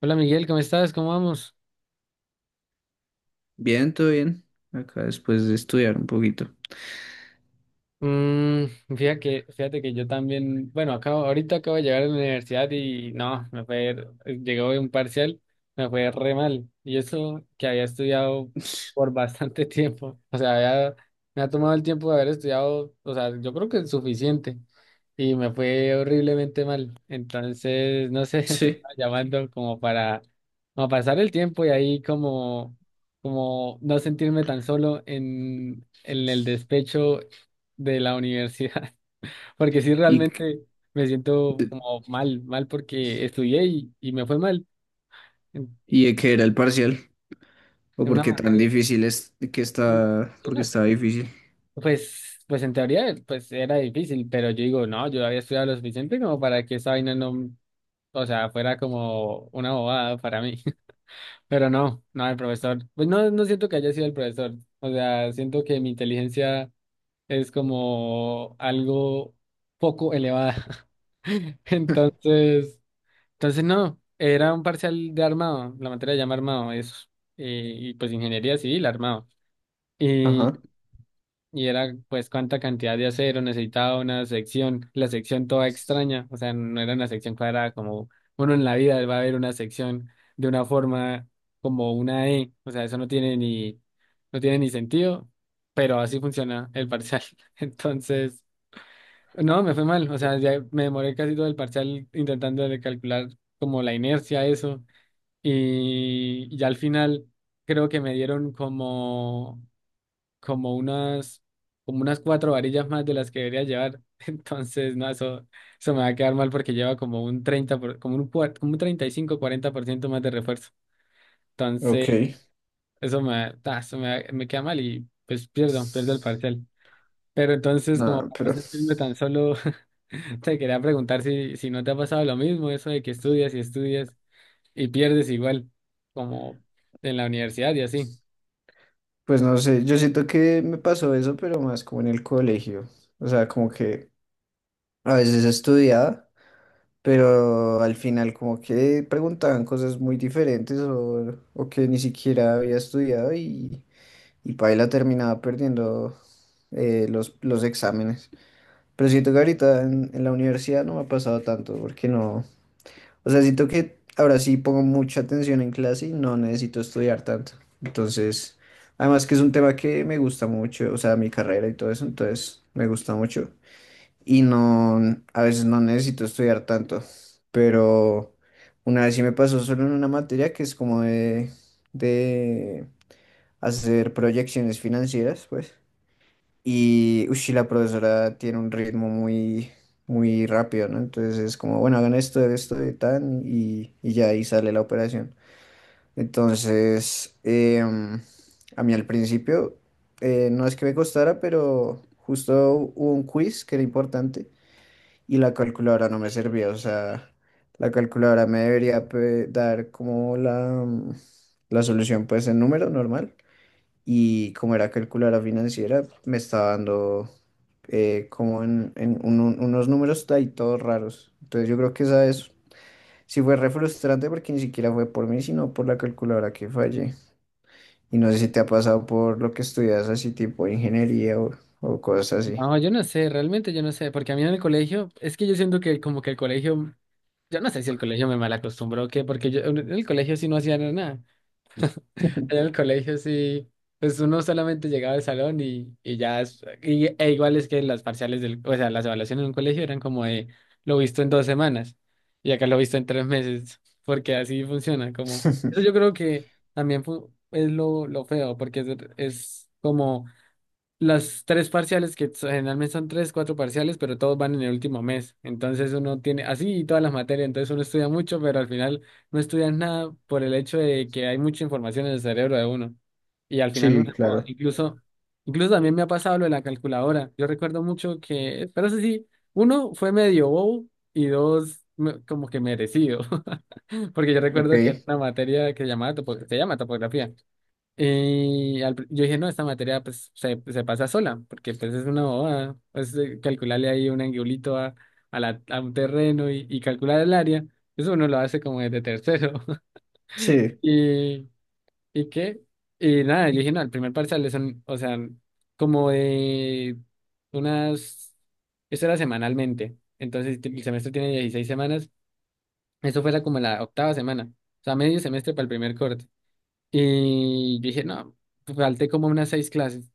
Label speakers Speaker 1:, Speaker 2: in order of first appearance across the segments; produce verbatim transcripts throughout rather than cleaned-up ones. Speaker 1: Hola Miguel, ¿cómo estás? ¿Cómo vamos?
Speaker 2: Bien, todo bien. Acá después de estudiar un poquito.
Speaker 1: Mm. Fíjate que, fíjate que yo también, bueno, acabo, ahorita acabo de llegar a la universidad y no, me fue, llegó un parcial, me fue re mal. Y eso que había estudiado por bastante tiempo, o sea, había- me ha tomado el tiempo de haber estudiado, o sea, yo creo que es suficiente y me fue horriblemente mal. Entonces, no sé, te
Speaker 2: Sí.
Speaker 1: estaba llamando como para, como pasar el tiempo y ahí como, como no sentirme tan solo en, en el despecho de la universidad, porque sí
Speaker 2: ¿Y, qué-
Speaker 1: realmente me siento
Speaker 2: de-
Speaker 1: como mal, mal porque estudié y, y me fue mal en,
Speaker 2: y de qué era el parcial? ¿O
Speaker 1: en una
Speaker 2: porque tan
Speaker 1: materia.
Speaker 2: difícil es que está,
Speaker 1: Yo
Speaker 2: porque
Speaker 1: no
Speaker 2: está
Speaker 1: sé,
Speaker 2: difícil?
Speaker 1: pues, pues en teoría pues era difícil, pero yo digo, no, yo había estudiado lo suficiente como para que esa vaina no, o sea, fuera como una bobada para mí. Pero no, no, el profesor, pues no, no siento que haya sido el profesor. O sea, siento que mi inteligencia es como algo poco elevada. Entonces, Entonces, no, era un parcial de armado, la materia se llama armado, eso. Eh, y pues ingeniería civil, armado. Y,
Speaker 2: Ajá.
Speaker 1: y era pues cuánta cantidad de acero necesitaba una sección, la sección toda extraña, o sea, no era una sección cuadrada como uno en la vida va a ver una sección de una forma como una E. O sea, eso no tiene ni, no tiene ni sentido, pero así funciona el parcial. Entonces, no, me fue mal, o sea, ya me demoré casi todo el parcial intentando de calcular como la inercia, eso. Y ya al final creo que me dieron como, como unas, como unas cuatro varillas más de las que debería llevar. Entonces, no, eso, eso me va a quedar mal porque lleva como un treinta por- como un, cuar- como un treinta y cinco cuarenta por ciento más de refuerzo. Entonces,
Speaker 2: Ok.
Speaker 1: eso me, ta, eso me, me queda mal y pues pierdo, pierdo el parcial. Pero entonces, como
Speaker 2: No,
Speaker 1: para no
Speaker 2: pero
Speaker 1: sentirme tan solo, te quería preguntar si, si no te ha pasado lo mismo, eso de que estudias y estudias y pierdes igual, como en la universidad y así.
Speaker 2: pues no sé, yo siento que me pasó eso, pero más como en el colegio. O sea, como que a veces estudiaba, pero al final como que preguntaban cosas muy diferentes o, o que ni siquiera había estudiado, y, y paila terminaba perdiendo eh, los, los exámenes. Pero siento que ahorita en, en la universidad no me ha pasado tanto porque no, o sea, siento que ahora sí pongo mucha atención en clase y no necesito estudiar tanto. Entonces, además que es un tema que me gusta mucho, o sea, mi carrera y todo eso, entonces me gusta mucho y no, a veces no necesito estudiar tanto, pero una vez sí me pasó solo en una materia que es como de, de hacer proyecciones financieras, pues, y ush, la profesora tiene un ritmo muy, muy rápido, ¿no? Entonces es como, bueno, hagan esto, esto y tan, y, y ya ahí sale la operación. Entonces, em, a mí al principio, eh, no es que me costara, pero justo hubo un quiz que era importante y la calculadora no me servía, o sea, la calculadora me debería pe- dar como la, mm, la solución pues en número normal, y como era calculadora financiera me estaba dando eh, como en, en un- un- unos números ahí todos raros. Entonces yo creo que esa es, sí fue re frustrante porque ni siquiera fue por mí, sino por la calculadora que fallé. Y no sé si te ha pasado por lo que estudias así tipo ingeniería o, o cosas así.
Speaker 1: No, yo no sé, realmente yo no sé, porque a mí en el colegio, es que yo siento que como que el colegio, yo no sé si el colegio me mal acostumbró o qué, porque yo en el colegio sí no hacía nada. En el colegio sí, pues uno solamente llegaba al salón y, y ya, es- y- e igual es que las parciales del, o sea, las evaluaciones en un colegio eran como de lo visto en dos semanas y acá lo visto en tres meses, porque así funciona, como, eso yo creo que también fu- es lo, lo feo, porque es, es como las tres parciales, que so- generalmente son tres, cuatro parciales, pero todos van en el último mes. Entonces uno tiene así y todas las materias, entonces uno estudia mucho, pero al final no estudia nada por el hecho de que hay mucha información en el cerebro de uno. Y al final uno
Speaker 2: Sí,
Speaker 1: se joda.
Speaker 2: claro.
Speaker 1: Incluso, incluso también me ha pasado lo de la calculadora. Yo recuerdo mucho que, pero eso sí, uno fue medio bobo y dos me- como que merecido. Porque yo recuerdo que era
Speaker 2: Ok.
Speaker 1: una materia que se llamaba topo- se llama topografía. Y al pr- yo dije, no, esta materia pues se, se pasa sola, porque pues es una bobada, pues eh, calcularle ahí un angulito a, a, la, a un terreno y, y calcular el área, eso uno lo hace como desde tercero.
Speaker 2: Sí.
Speaker 1: ¿Y, y qué? Y nada, yo dije, no, el primer parcial es, un- o sea, como de unas, eso era semanalmente, entonces el semestre tiene dieciséis semanas, eso fuera como la octava semana, o sea, medio semestre para el primer corte. Y yo dije, no, falté como unas seis clases.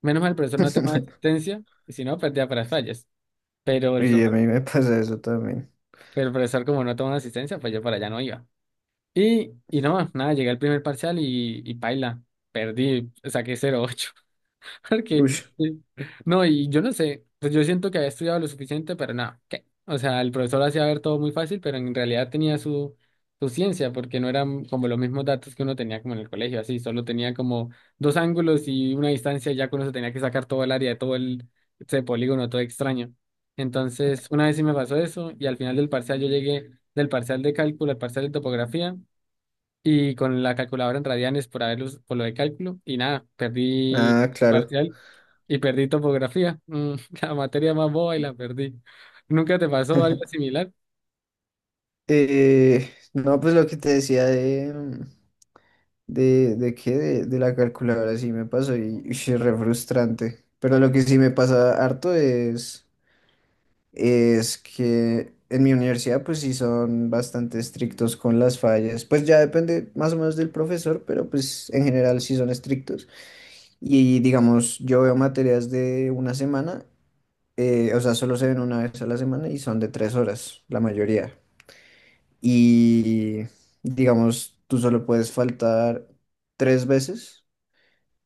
Speaker 1: Menos mal el profesor no toma asistencia, y si no, perdía para las fallas. Pero el,
Speaker 2: Y
Speaker 1: suma-
Speaker 2: a mí me pasa eso también.
Speaker 1: pero el profesor, como no tomó asistencia, pues yo para allá no iba. Y, y no, nada, llegué al primer parcial y, y paila, perdí, saqué cero punto ocho.
Speaker 2: Uy,
Speaker 1: Porque, sí. No, y yo no sé, pues yo siento que había estudiado lo suficiente, pero nada, ¿qué? O sea, el profesor hacía ver todo muy fácil, pero en realidad tenía su, su ciencia, porque no eran como los mismos datos que uno tenía como en el colegio, así, solo tenía como dos ángulos y una distancia, ya que uno se tenía que sacar todo el área de todo el, ese polígono, todo extraño. Entonces, una vez sí me pasó eso, y al final del parcial yo llegué del parcial de cálculo al parcial de topografía, y con la calculadora en radianes por haberlos, por lo de cálculo, y nada, perdí
Speaker 2: ah, claro.
Speaker 1: parcial y perdí topografía, mm, la materia más boba y la perdí. ¿Nunca te pasó algo similar?
Speaker 2: Eh, no, pues lo que te decía de, mm, de, de qué, de, de la calculadora sí me pasó, y, y es re frustrante. Pero lo que sí me pasa harto es, es que en mi universidad pues sí son bastante estrictos con las fallas. Pues ya depende más o menos del profesor, pero pues en general sí son estrictos. Y digamos, yo veo materias de una semana. Eh, o sea, solo se ven una vez a la semana y son de tres horas, la mayoría. Y digamos, tú solo puedes faltar tres veces,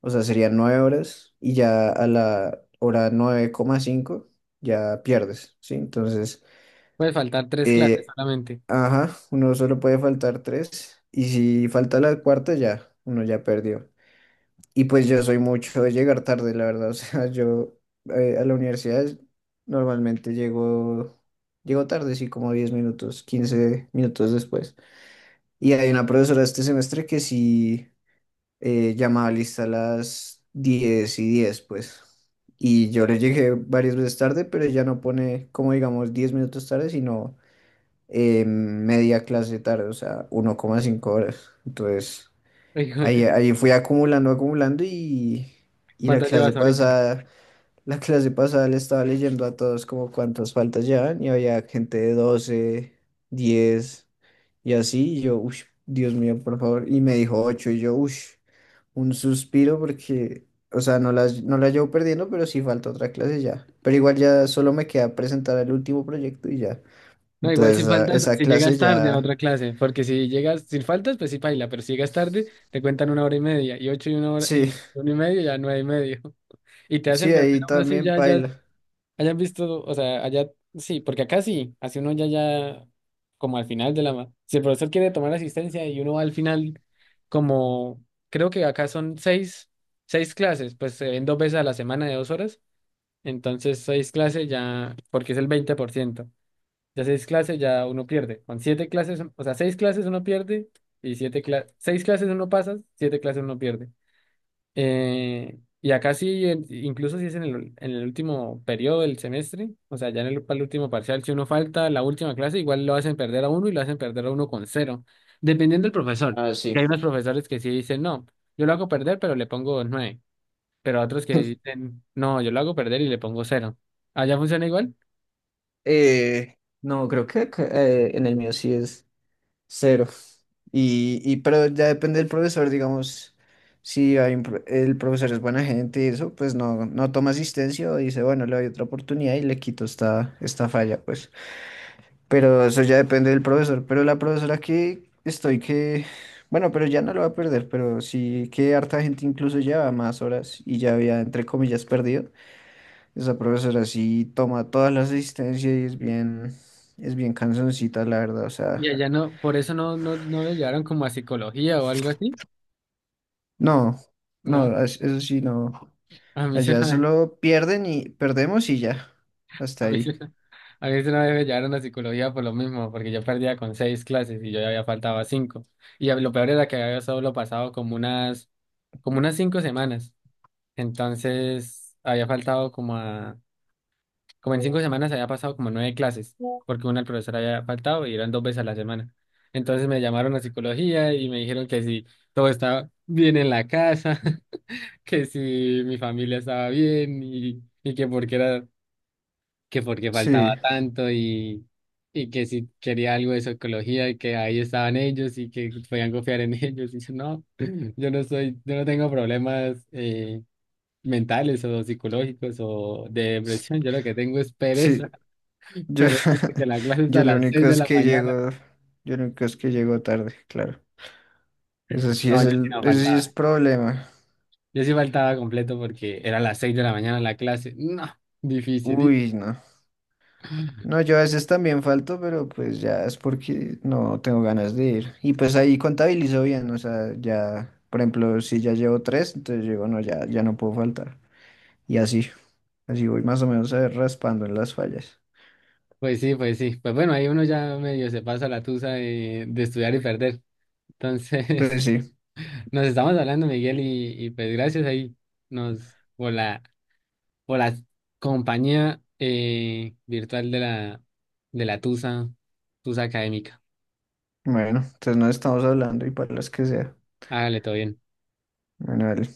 Speaker 2: o sea, serían nueve horas, y ya a la hora nueve coma cinco ya pierdes, ¿sí? Entonces,
Speaker 1: Puede faltar tres clases
Speaker 2: eh,
Speaker 1: solamente.
Speaker 2: ajá, uno solo puede faltar tres, y si falta la cuarta ya, uno ya perdió. Y pues yo soy mucho de llegar tarde, la verdad. O sea, yo eh, a la universidad normalmente llego, llego tarde, sí, como diez minutos, quince minutos después. Y hay una profesora este semestre que sí eh, llama lista a las diez y diez, pues. Y yo le llegué varias veces tarde, pero ella no pone, como digamos, diez minutos tarde, sino eh, media clase tarde, o sea, uno coma cinco horas. Entonces... Ahí, ahí fui acumulando, acumulando, y, y la
Speaker 1: ¿Cuántas
Speaker 2: clase
Speaker 1: llevas ahorita?
Speaker 2: pasada, la clase pasada le estaba leyendo a todos como cuántas faltas llevan, y había gente de doce, diez, y así. Y yo, uff, Dios mío, por favor. Y me dijo ocho y yo, uff, un suspiro porque, o sea, no las, no las llevo perdiendo, pero sí falta otra clase ya. Pero igual ya solo me queda presentar el último proyecto y ya.
Speaker 1: No, igual
Speaker 2: Entonces,
Speaker 1: si
Speaker 2: esa,
Speaker 1: faltas,
Speaker 2: esa
Speaker 1: si
Speaker 2: clase
Speaker 1: llegas tarde a
Speaker 2: ya,
Speaker 1: otra clase, porque si llegas, si faltas, pues sí paila, pero si llegas tarde, te cuentan una hora y media, y ocho y una hora,
Speaker 2: sí,
Speaker 1: y una y media, ya nueve y medio, y te hacen
Speaker 2: sí,
Speaker 1: perder
Speaker 2: ahí
Speaker 1: aún así
Speaker 2: también
Speaker 1: ya, ya
Speaker 2: paila.
Speaker 1: hayan visto. O sea, allá sí, porque acá sí, así uno ya, ya, como al final de la. Si el profesor quiere tomar asistencia y uno va al final, como creo que acá son seis, seis clases, pues se ven dos veces a la semana de dos horas, entonces seis clases ya, porque es el veinte por ciento, ya seis clases ya uno pierde, con siete clases, o sea, seis clases uno pierde y siete clases, seis clases uno pasa, siete clases uno pierde. Eh, y acá sí, en- incluso si es en el, en el, último periodo del semestre, o sea, ya en el, para el último parcial, si uno falta la última clase, igual lo hacen perder a uno y lo hacen perder a uno con cero, dependiendo del profesor.
Speaker 2: Ah, sí.
Speaker 1: Que hay unos profesores que sí dicen, no, yo lo hago perder, pero le pongo nueve, pero otros que dicen, no, yo lo hago perder y le pongo cero. Allá funciona igual.
Speaker 2: Eh, no, creo que acá, eh, en el mío sí es cero. Y, y pero ya depende del profesor, digamos, si hay un pro- el profesor es buena gente y eso, pues no, no toma asistencia o dice, bueno, le doy otra oportunidad y le quito esta, esta falla, pues. Pero eso ya depende del profesor. Pero la profesora que estoy que, bueno, pero ya no lo va a perder, pero sí que harta gente incluso lleva más horas y ya había, entre comillas, perdido. Esa profesora sí toma toda la asistencia y es bien, es bien cansoncita, la verdad. O
Speaker 1: Y
Speaker 2: sea,
Speaker 1: allá no, por eso no, no, no le llevaron como a psicología o algo así,
Speaker 2: no,
Speaker 1: ¿no?
Speaker 2: no, es- eso sí, no.
Speaker 1: A mí sí.
Speaker 2: Allá solo pierden y perdemos y ya. Hasta
Speaker 1: A mí, sí-
Speaker 2: ahí.
Speaker 1: a mí sí una vez me llevaron a psicología por lo mismo, porque yo perdía con seis clases y yo ya había faltado a cinco. Y lo peor era que había solo pasado como unas, como unas cinco semanas. Entonces había faltado como a, como en cinco semanas había pasado como nueve clases, porque una el profesor había faltado y eran dos veces a la semana. Entonces me llamaron a psicología y me dijeron que si todo estaba bien en la casa, que si mi familia estaba bien y, y que porque era que porque faltaba
Speaker 2: Sí,
Speaker 1: tanto y, y que si quería algo de psicología y que ahí estaban ellos y que podían confiar en ellos. Y yo, no, yo no soy, yo no tengo problemas eh, mentales o psicológicos o de depresión. Yo lo que tengo es pereza,
Speaker 2: sí. Yo,
Speaker 1: pereza porque la clase es a
Speaker 2: yo lo
Speaker 1: las
Speaker 2: único
Speaker 1: seis de
Speaker 2: es
Speaker 1: la
Speaker 2: que
Speaker 1: mañana.
Speaker 2: llego, yo lo único es que llego tarde, claro. Eso sí
Speaker 1: No,
Speaker 2: es
Speaker 1: yo sí
Speaker 2: el,
Speaker 1: no
Speaker 2: eso sí es
Speaker 1: faltaba.
Speaker 2: problema.
Speaker 1: Yo sí faltaba completo porque era a las seis de la mañana la clase. No, difícil.
Speaker 2: Uy, no. No, yo a veces también falto, pero pues ya es porque no tengo ganas de ir. Y pues ahí contabilizo bien, o sea, ya, por ejemplo, si ya llevo tres, entonces digo, no, ya, ya no puedo faltar. Y así, así voy más o menos eh, raspando en las fallas.
Speaker 1: Pues sí, pues sí. Pues bueno, ahí uno ya medio se pasa la tusa de, de estudiar y perder. Entonces,
Speaker 2: Pues sí,
Speaker 1: nos estamos hablando, Miguel, y, y pues gracias ahí nos por la por la compañía eh, virtual de la de la Tusa, Tusa Académica.
Speaker 2: bueno, entonces nos estamos hablando y para las que sea.
Speaker 1: Hágale todo bien.
Speaker 2: Bueno, dale.